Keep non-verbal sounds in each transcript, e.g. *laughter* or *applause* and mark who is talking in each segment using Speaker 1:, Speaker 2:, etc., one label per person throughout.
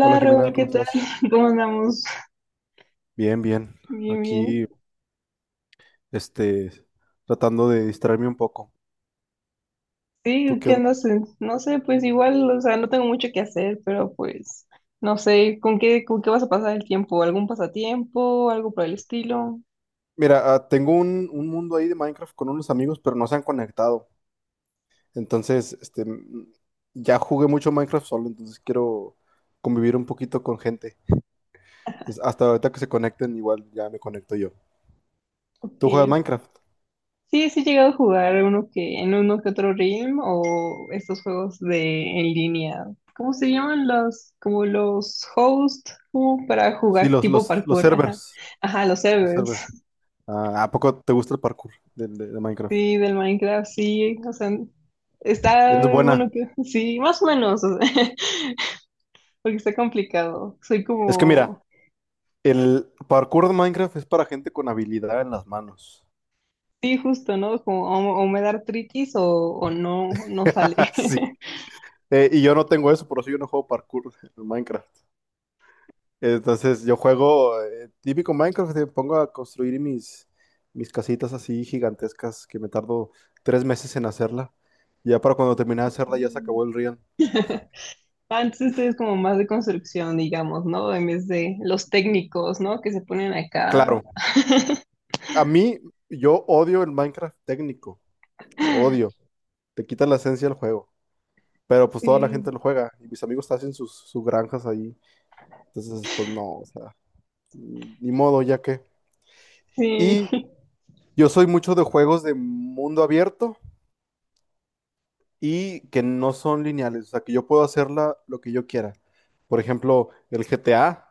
Speaker 1: Hola Jimena,
Speaker 2: Raúl, ¿qué
Speaker 1: ¿cómo
Speaker 2: tal?
Speaker 1: estás?
Speaker 2: *laughs* ¿Cómo andamos?
Speaker 1: Bien, bien.
Speaker 2: Bien,
Speaker 1: Aquí,
Speaker 2: bien.
Speaker 1: este, tratando de distraerme un poco. ¿Tú
Speaker 2: Sí,
Speaker 1: qué
Speaker 2: ¿qué
Speaker 1: onda?
Speaker 2: andas en- No sé, pues igual, o sea, no tengo mucho que hacer, pero pues, no sé, con qué vas a pasar el tiempo? ¿Algún pasatiempo? ¿Algo por el estilo?
Speaker 1: Mira, tengo un mundo ahí de Minecraft con unos amigos, pero no se han conectado. Entonces, ya jugué mucho Minecraft solo, entonces quiero convivir un poquito con gente. Entonces, hasta ahorita que se conecten, igual ya me conecto yo.
Speaker 2: Ok.
Speaker 1: ¿Tú juegas Minecraft?
Speaker 2: Sí, sí he llegado a jugar uno que, en uno que otro Realm o estos juegos de en línea. ¿Cómo se llaman los, como los hosts, como para
Speaker 1: Sí,
Speaker 2: jugar tipo
Speaker 1: los
Speaker 2: parkour? Ajá,
Speaker 1: servers.
Speaker 2: ajá, los
Speaker 1: Los
Speaker 2: servers.
Speaker 1: servers. Ah, ¿a poco te gusta el parkour de Minecraft?
Speaker 2: Sí, del Minecraft, sí, o sea,
Speaker 1: Eres
Speaker 2: está, bueno,
Speaker 1: buena.
Speaker 2: que, sí, más o menos, o sea, *laughs* porque está complicado. Soy
Speaker 1: Es que mira,
Speaker 2: como,
Speaker 1: el parkour de Minecraft es para gente con habilidad en las manos.
Speaker 2: sí, justo, ¿no? Como o me da artritis o no, no sale.
Speaker 1: *laughs* Sí. Y yo no tengo eso, por eso yo no juego parkour en Minecraft. Entonces yo juego típico Minecraft, me pongo a construir mis casitas así gigantescas que me tardo 3 meses en hacerla. Ya para cuando terminé de hacerla ya se acabó el Rian.
Speaker 2: *laughs* Antes ustedes es como más de construcción, digamos, ¿no? En vez de los técnicos, ¿no? Que se ponen acá.
Speaker 1: Claro,
Speaker 2: *laughs*
Speaker 1: a mí yo odio el Minecraft técnico, lo odio, te quita la esencia del juego. Pero pues toda la
Speaker 2: Sí,
Speaker 1: gente lo juega y mis amigos hacen sus granjas ahí. Entonces pues no, o sea. Ni modo, ya que.
Speaker 2: sí.
Speaker 1: Y yo soy mucho de juegos de mundo abierto y que no son lineales, o sea, que yo puedo hacerla lo que yo quiera. Por ejemplo, el GTA.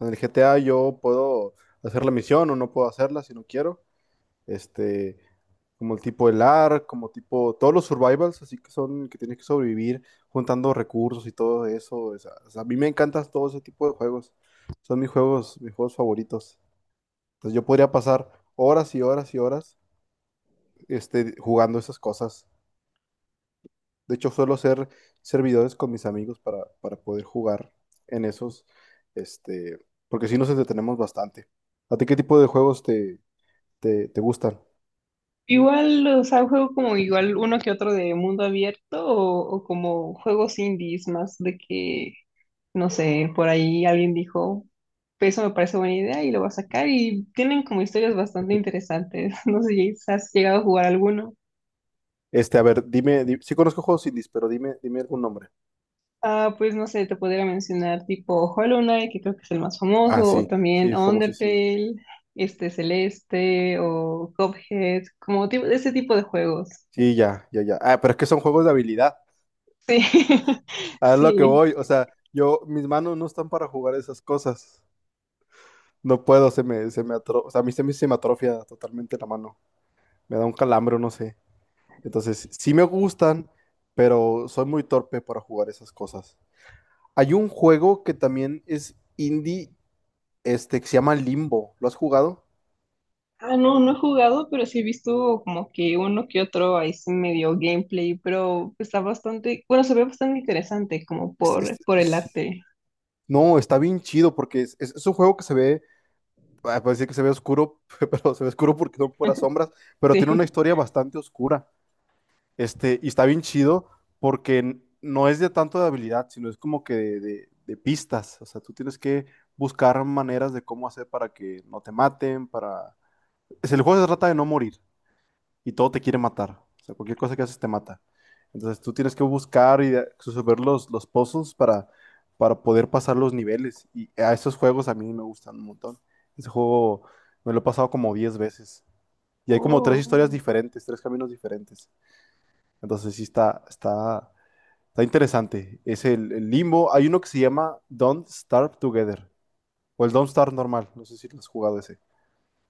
Speaker 1: En el GTA yo puedo hacer la misión o no puedo hacerla si no quiero. Este, como el tipo el ARK, como tipo todos los survivals, así que son que tienes que sobrevivir juntando recursos y todo eso. O sea, a mí me encantan todo ese tipo de juegos. Son mis juegos, favoritos. Entonces yo podría pasar horas y horas y horas jugando esas cosas. De hecho, suelo ser servidores con mis amigos para, poder jugar en esos, este, porque sí nos entretenemos bastante. ¿A ti qué tipo de juegos te gustan?
Speaker 2: Igual, o sea, juego como igual uno que otro de mundo abierto o como juegos indies más de que no sé, por ahí alguien dijo, "Pues, eso me parece buena idea y lo va a sacar y tienen como historias bastante
Speaker 1: *laughs*
Speaker 2: interesantes." *laughs* No sé si has llegado a jugar alguno.
Speaker 1: A ver, dime, sí conozco juegos indies, pero dime, algún nombre.
Speaker 2: Ah, pues no sé, te podría mencionar tipo Hollow Knight, que creo que es el más
Speaker 1: Ah,
Speaker 2: famoso, o
Speaker 1: sí, sí,
Speaker 2: también
Speaker 1: es famosísimo.
Speaker 2: Undertale, este Celeste, o Cuphead, como tipo, ese tipo de juegos.
Speaker 1: Sí, ya, ya, ya. Ah, pero es que son juegos de habilidad.
Speaker 2: Sí, *laughs*
Speaker 1: A lo que
Speaker 2: sí.
Speaker 1: voy, o sea, mis manos no están para jugar esas cosas. No puedo, o sea, a mí se me atrofia totalmente la mano. Me da un calambre, no sé. Entonces, sí me gustan, pero soy muy torpe para jugar esas cosas. Hay un juego que también es indie, que se llama Limbo. ¿Lo has jugado?
Speaker 2: Ah, no, no he jugado, pero sí he visto como que uno que otro ahí sí medio gameplay, pero está bastante, bueno, se ve bastante interesante como
Speaker 1: Es- es-
Speaker 2: por el
Speaker 1: es-
Speaker 2: arte,
Speaker 1: No, está bien chido porque es un juego que se ve, puede decir que se ve oscuro, *laughs* pero se ve oscuro porque son puras sombras, pero tiene
Speaker 2: *laughs*
Speaker 1: una
Speaker 2: sí.
Speaker 1: historia bastante oscura. Y está bien chido porque no es de tanto de habilidad, sino es como que de pistas. O sea, tú tienes que buscar maneras de cómo hacer para que no te maten, para. Es el juego se trata de no morir y todo te quiere matar. O sea, cualquier cosa que haces te mata. Entonces tú tienes que buscar y resolver los puzzles para, poder pasar los niveles. Y a esos juegos a mí me gustan un montón. Ese juego me lo he pasado como 10 veces. Y hay como tres
Speaker 2: Oh.
Speaker 1: historias diferentes, tres caminos diferentes. Entonces sí está interesante. Es el Limbo. Hay uno que se llama Don't Starve Together. O el Don't Starve normal. No sé si lo has jugado ese.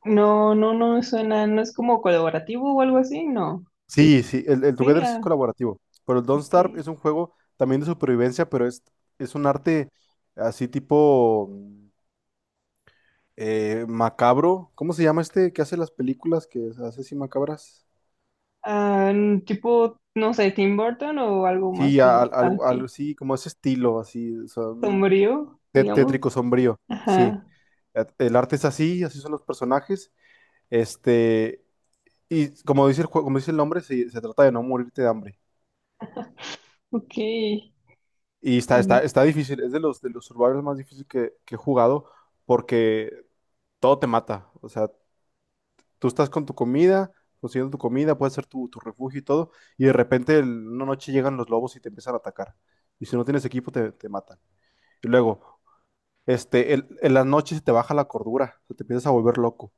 Speaker 2: No, no, no me suena, no es como colaborativo o algo así, no.
Speaker 1: Sí, sí, el
Speaker 2: Sí,
Speaker 1: Together sí es
Speaker 2: ah,
Speaker 1: colaborativo. Pero el Don't
Speaker 2: ok.
Speaker 1: Starve es un juego también de supervivencia, pero es un arte así tipo macabro. ¿Cómo se llama este que hace las películas que hace así macabras?
Speaker 2: Ah, n- tipo, no sé, Tim Burton o algo más
Speaker 1: Sí,
Speaker 2: como, ah,
Speaker 1: algo
Speaker 2: ok,
Speaker 1: así, como ese estilo, así, o sea,
Speaker 2: sombrío,
Speaker 1: tétrico,
Speaker 2: digamos.
Speaker 1: sombrío. Sí,
Speaker 2: Ajá,
Speaker 1: El arte es así, así son los personajes. Este, y como dice el juego, como dice el nombre, se trata de no morirte de hambre.
Speaker 2: ok.
Speaker 1: Y está difícil, es de de los survivors más difíciles que he jugado porque todo te mata. O sea, tú estás con tu comida, consiguiendo tu comida, puede ser tu refugio y todo, y de repente una noche llegan los lobos y te empiezan a atacar. Y si no tienes equipo, te matan. Y luego, en las noches se te baja la cordura, o sea, te empiezas a volver loco.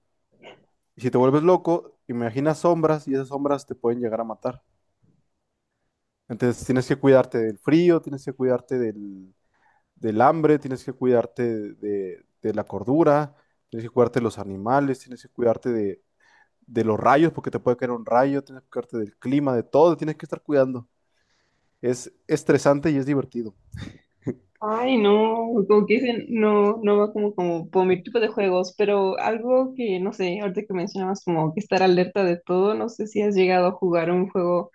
Speaker 1: Y si te vuelves loco, imaginas sombras y esas sombras te pueden llegar a matar. Entonces tienes que cuidarte del frío, tienes que cuidarte del hambre, tienes que cuidarte de la cordura, tienes que cuidarte de los animales, tienes que cuidarte de los rayos, porque te puede caer un rayo, tienes que cuidarte del clima, de todo, tienes que estar cuidando. Es estresante y es divertido.
Speaker 2: Ay, no, como que dicen, no, no va como, como por mi tipo de juegos, pero algo que, no sé, ahorita que mencionabas como que estar alerta de todo, no sé si has llegado a jugar un juego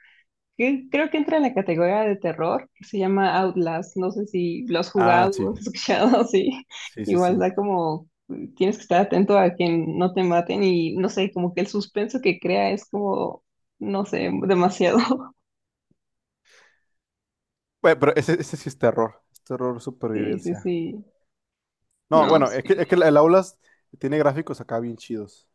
Speaker 2: que creo que entra en la categoría de terror, que se llama Outlast, no sé si lo has
Speaker 1: Ah,
Speaker 2: jugado
Speaker 1: sí,
Speaker 2: o has escuchado, *laughs* sí,
Speaker 1: sí, sí,
Speaker 2: igual
Speaker 1: sí.
Speaker 2: da como, tienes que estar atento a que no te maten y, no sé, como que el suspenso que crea es como, no sé, demasiado, *laughs*
Speaker 1: Bueno, pero ese sí es terror
Speaker 2: sí, sí,
Speaker 1: supervivencia.
Speaker 2: sí,
Speaker 1: No,
Speaker 2: no,
Speaker 1: bueno,
Speaker 2: sí,
Speaker 1: es que el Outlast tiene gráficos acá bien chidos.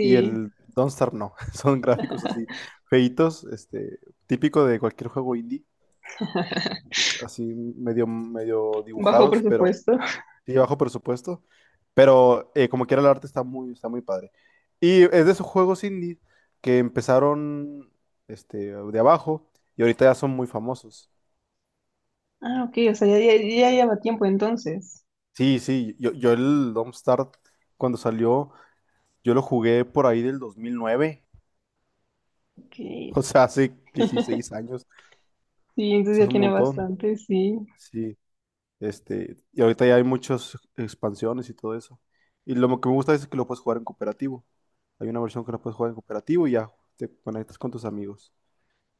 Speaker 1: Y el Don't Starve no. *laughs* Son gráficos así, feitos, típico de cualquier juego indie,
Speaker 2: *laughs*
Speaker 1: es así medio, medio
Speaker 2: bajo
Speaker 1: dibujados, pero
Speaker 2: presupuesto.
Speaker 1: sí bajo presupuesto. Pero como quiera el arte está muy padre. Y es de esos juegos indie que empezaron de abajo y ahorita ya son muy famosos.
Speaker 2: Ah, ok, o sea, ya, ya, ya lleva tiempo entonces.
Speaker 1: Sí, sí, yo el Don't Starve cuando salió, yo lo jugué por ahí del 2009,
Speaker 2: Ok. Sí,
Speaker 1: *laughs* o sea, hace 16 años, o
Speaker 2: entonces
Speaker 1: sea,
Speaker 2: ya
Speaker 1: es un
Speaker 2: tiene
Speaker 1: montón.
Speaker 2: bastante, sí.
Speaker 1: Sí. Y ahorita ya hay muchas expansiones y todo eso. Y lo que me gusta es que lo puedes jugar en cooperativo. Hay una versión que la puedes jugar en cooperativo y ya te conectas con tus amigos.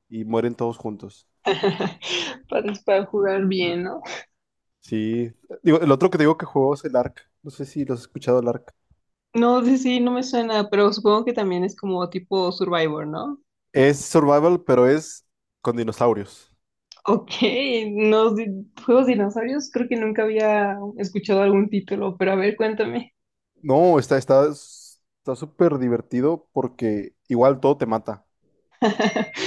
Speaker 1: Y mueren todos juntos.
Speaker 2: *laughs* Para jugar bien, ¿no?
Speaker 1: Sí. Digo, el otro que te digo que juego es el Ark. No sé si lo has escuchado el Ark.
Speaker 2: No, sí, sí, no me suena, pero supongo que también es como tipo Survivor, ¿no?
Speaker 1: Es survival, pero es con dinosaurios.
Speaker 2: Ok, *laughs* no, di- juegos de dinosaurios, creo que nunca había escuchado algún título, pero a ver, cuéntame.
Speaker 1: No, está súper divertido porque igual todo te mata.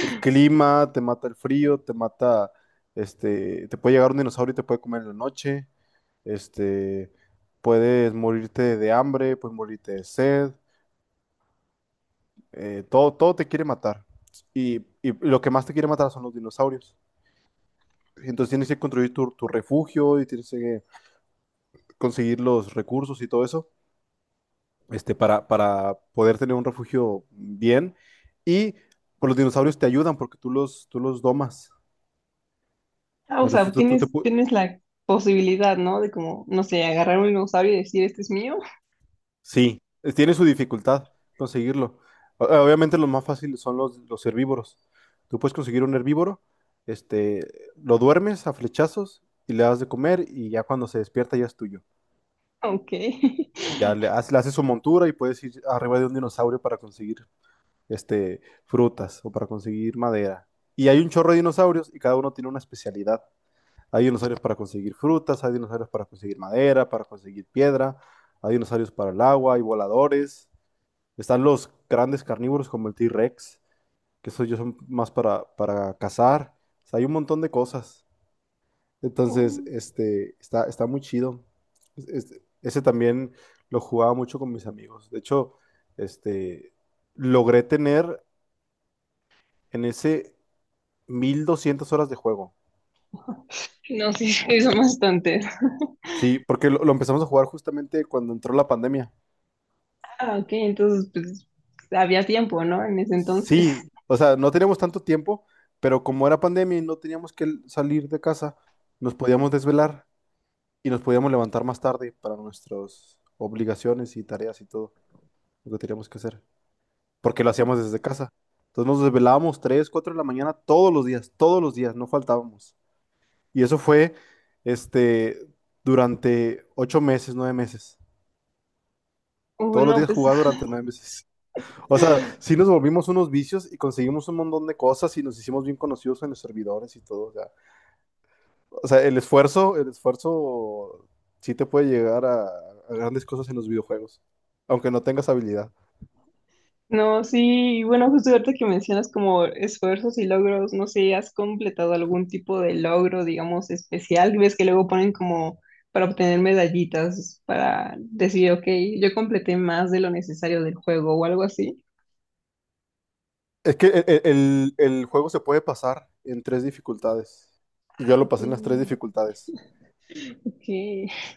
Speaker 1: El clima, te mata el frío, te mata, te puede llegar un dinosaurio y te puede comer en la noche, este, puedes morirte de hambre, puedes morirte de sed, todo, todo te quiere matar. Y lo que más te quiere matar son los dinosaurios. Entonces tienes que construir tu refugio y tienes que conseguir los recursos y todo eso, para, poder tener un refugio bien. Y pues, los dinosaurios te ayudan porque tú los domas.
Speaker 2: Ah, o sea,
Speaker 1: Entonces
Speaker 2: tienes, tienes la posibilidad, ¿no? De como, no sé, agarrar un dinosaurio y decir, este es mío.
Speaker 1: sí, tiene su dificultad conseguirlo. Obviamente los más fáciles son los herbívoros. Tú puedes conseguir un herbívoro, este, lo duermes a flechazos y le das de comer y ya cuando se despierta ya es tuyo.
Speaker 2: *laughs* Ok.
Speaker 1: Y ya
Speaker 2: *laughs*
Speaker 1: le haces su montura y puedes ir arriba de un dinosaurio para conseguir este, frutas o para conseguir madera. Y hay un chorro de dinosaurios y cada uno tiene una especialidad. Hay dinosaurios para conseguir frutas, hay dinosaurios para conseguir madera, para conseguir piedra, hay dinosaurios para el agua, hay voladores. Están los grandes carnívoros como el T-Rex, que esos yo son más para, cazar. O sea, hay un montón de cosas. Entonces,
Speaker 2: Oh.
Speaker 1: está muy chido. Ese también lo jugaba mucho con mis amigos. De hecho, este, logré tener en ese 1200 horas de juego.
Speaker 2: No, sí, *laughs* sí, son bastantes.
Speaker 1: Sí, porque lo empezamos a jugar justamente cuando entró la pandemia.
Speaker 2: Ah, ok, entonces pues había tiempo, ¿no? En ese entonces.
Speaker 1: Sí, o sea, no teníamos tanto tiempo, pero como era pandemia y no teníamos que salir de casa, nos podíamos desvelar. Y nos podíamos levantar más tarde para nuestras obligaciones y tareas y todo lo que teníamos que hacer, porque lo hacíamos desde casa. Entonces nos desvelábamos 3 4 de la mañana todos los días, no faltábamos. Y eso fue este, durante 8 meses, 9 meses. Todos los
Speaker 2: Bueno,
Speaker 1: días
Speaker 2: pues
Speaker 1: jugaba durante 9 meses. O sea,
Speaker 2: *laughs*
Speaker 1: sí nos volvimos unos vicios y conseguimos un montón de cosas y nos hicimos bien conocidos en los servidores y todo. O sea, el esfuerzo sí te puede llegar a grandes cosas en los videojuegos, aunque no tengas habilidad.
Speaker 2: no, sí, y bueno, justo ahorita que mencionas como esfuerzos y logros, no sé, ¿has completado algún tipo de logro, digamos, especial? ¿Ves que luego ponen como para obtener medallitas, para decir, ok, yo completé más de lo necesario del juego o algo así?
Speaker 1: Es que el juego se puede pasar en tres dificultades. Y yo
Speaker 2: Ah,
Speaker 1: lo
Speaker 2: ok,
Speaker 1: pasé en las tres dificultades.
Speaker 2: ok, *laughs*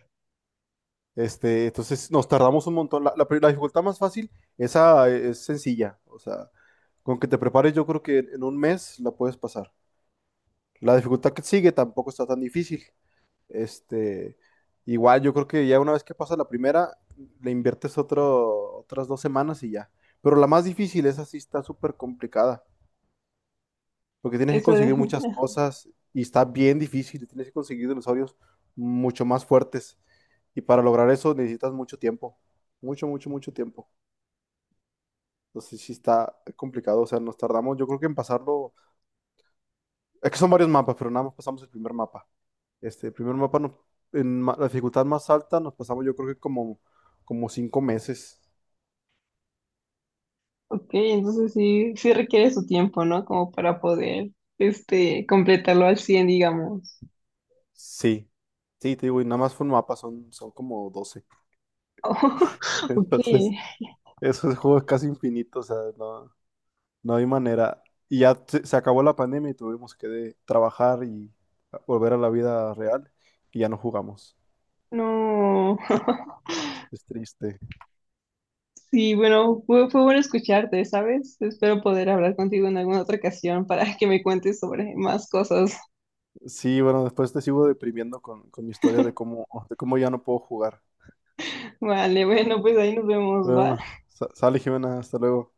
Speaker 1: Entonces nos tardamos un montón. La dificultad más fácil, esa es sencilla. O sea, con que te prepares, yo creo que en un mes la puedes pasar. La dificultad que sigue tampoco está tan difícil. Este, igual yo creo que ya una vez que pasa la primera, le inviertes otras 2 semanas y ya. Pero la más difícil, esa sí está súper complicada, porque tienes que
Speaker 2: eso,
Speaker 1: conseguir muchas cosas y está bien difícil, tienes que conseguir dinosaurios mucho más fuertes. Y para lograr eso necesitas mucho tiempo, mucho, mucho, mucho tiempo. Entonces sí está complicado, o sea, nos tardamos, yo creo que en pasarlo. Es que son varios mapas, pero nada más pasamos el primer mapa. El primer mapa la dificultad más alta nos pasamos yo creo que como 5 meses.
Speaker 2: ok, entonces sí, sí requiere su tiempo, ¿no? Como para poder, este, completarlo al 100 digamos.
Speaker 1: Sí, sí, te digo, y nada más fue un mapa, son como 12. *laughs*
Speaker 2: Oh, *laughs* ok,
Speaker 1: Entonces, esos juegos casi infinitos, o sea, no, no hay manera. Y ya se acabó la pandemia y tuvimos que trabajar y volver a la vida real y ya no jugamos.
Speaker 2: no. *laughs*
Speaker 1: Es triste.
Speaker 2: Sí, bueno, fue, fue bueno escucharte, ¿sabes? Espero poder hablar contigo en alguna otra ocasión para que me cuentes sobre más cosas.
Speaker 1: Sí, bueno, después te sigo deprimiendo con, mi historia de cómo, ya no puedo jugar.
Speaker 2: *laughs* Vale, bueno, pues ahí nos vemos, ¿va?
Speaker 1: Bueno, sale Jimena, hasta luego.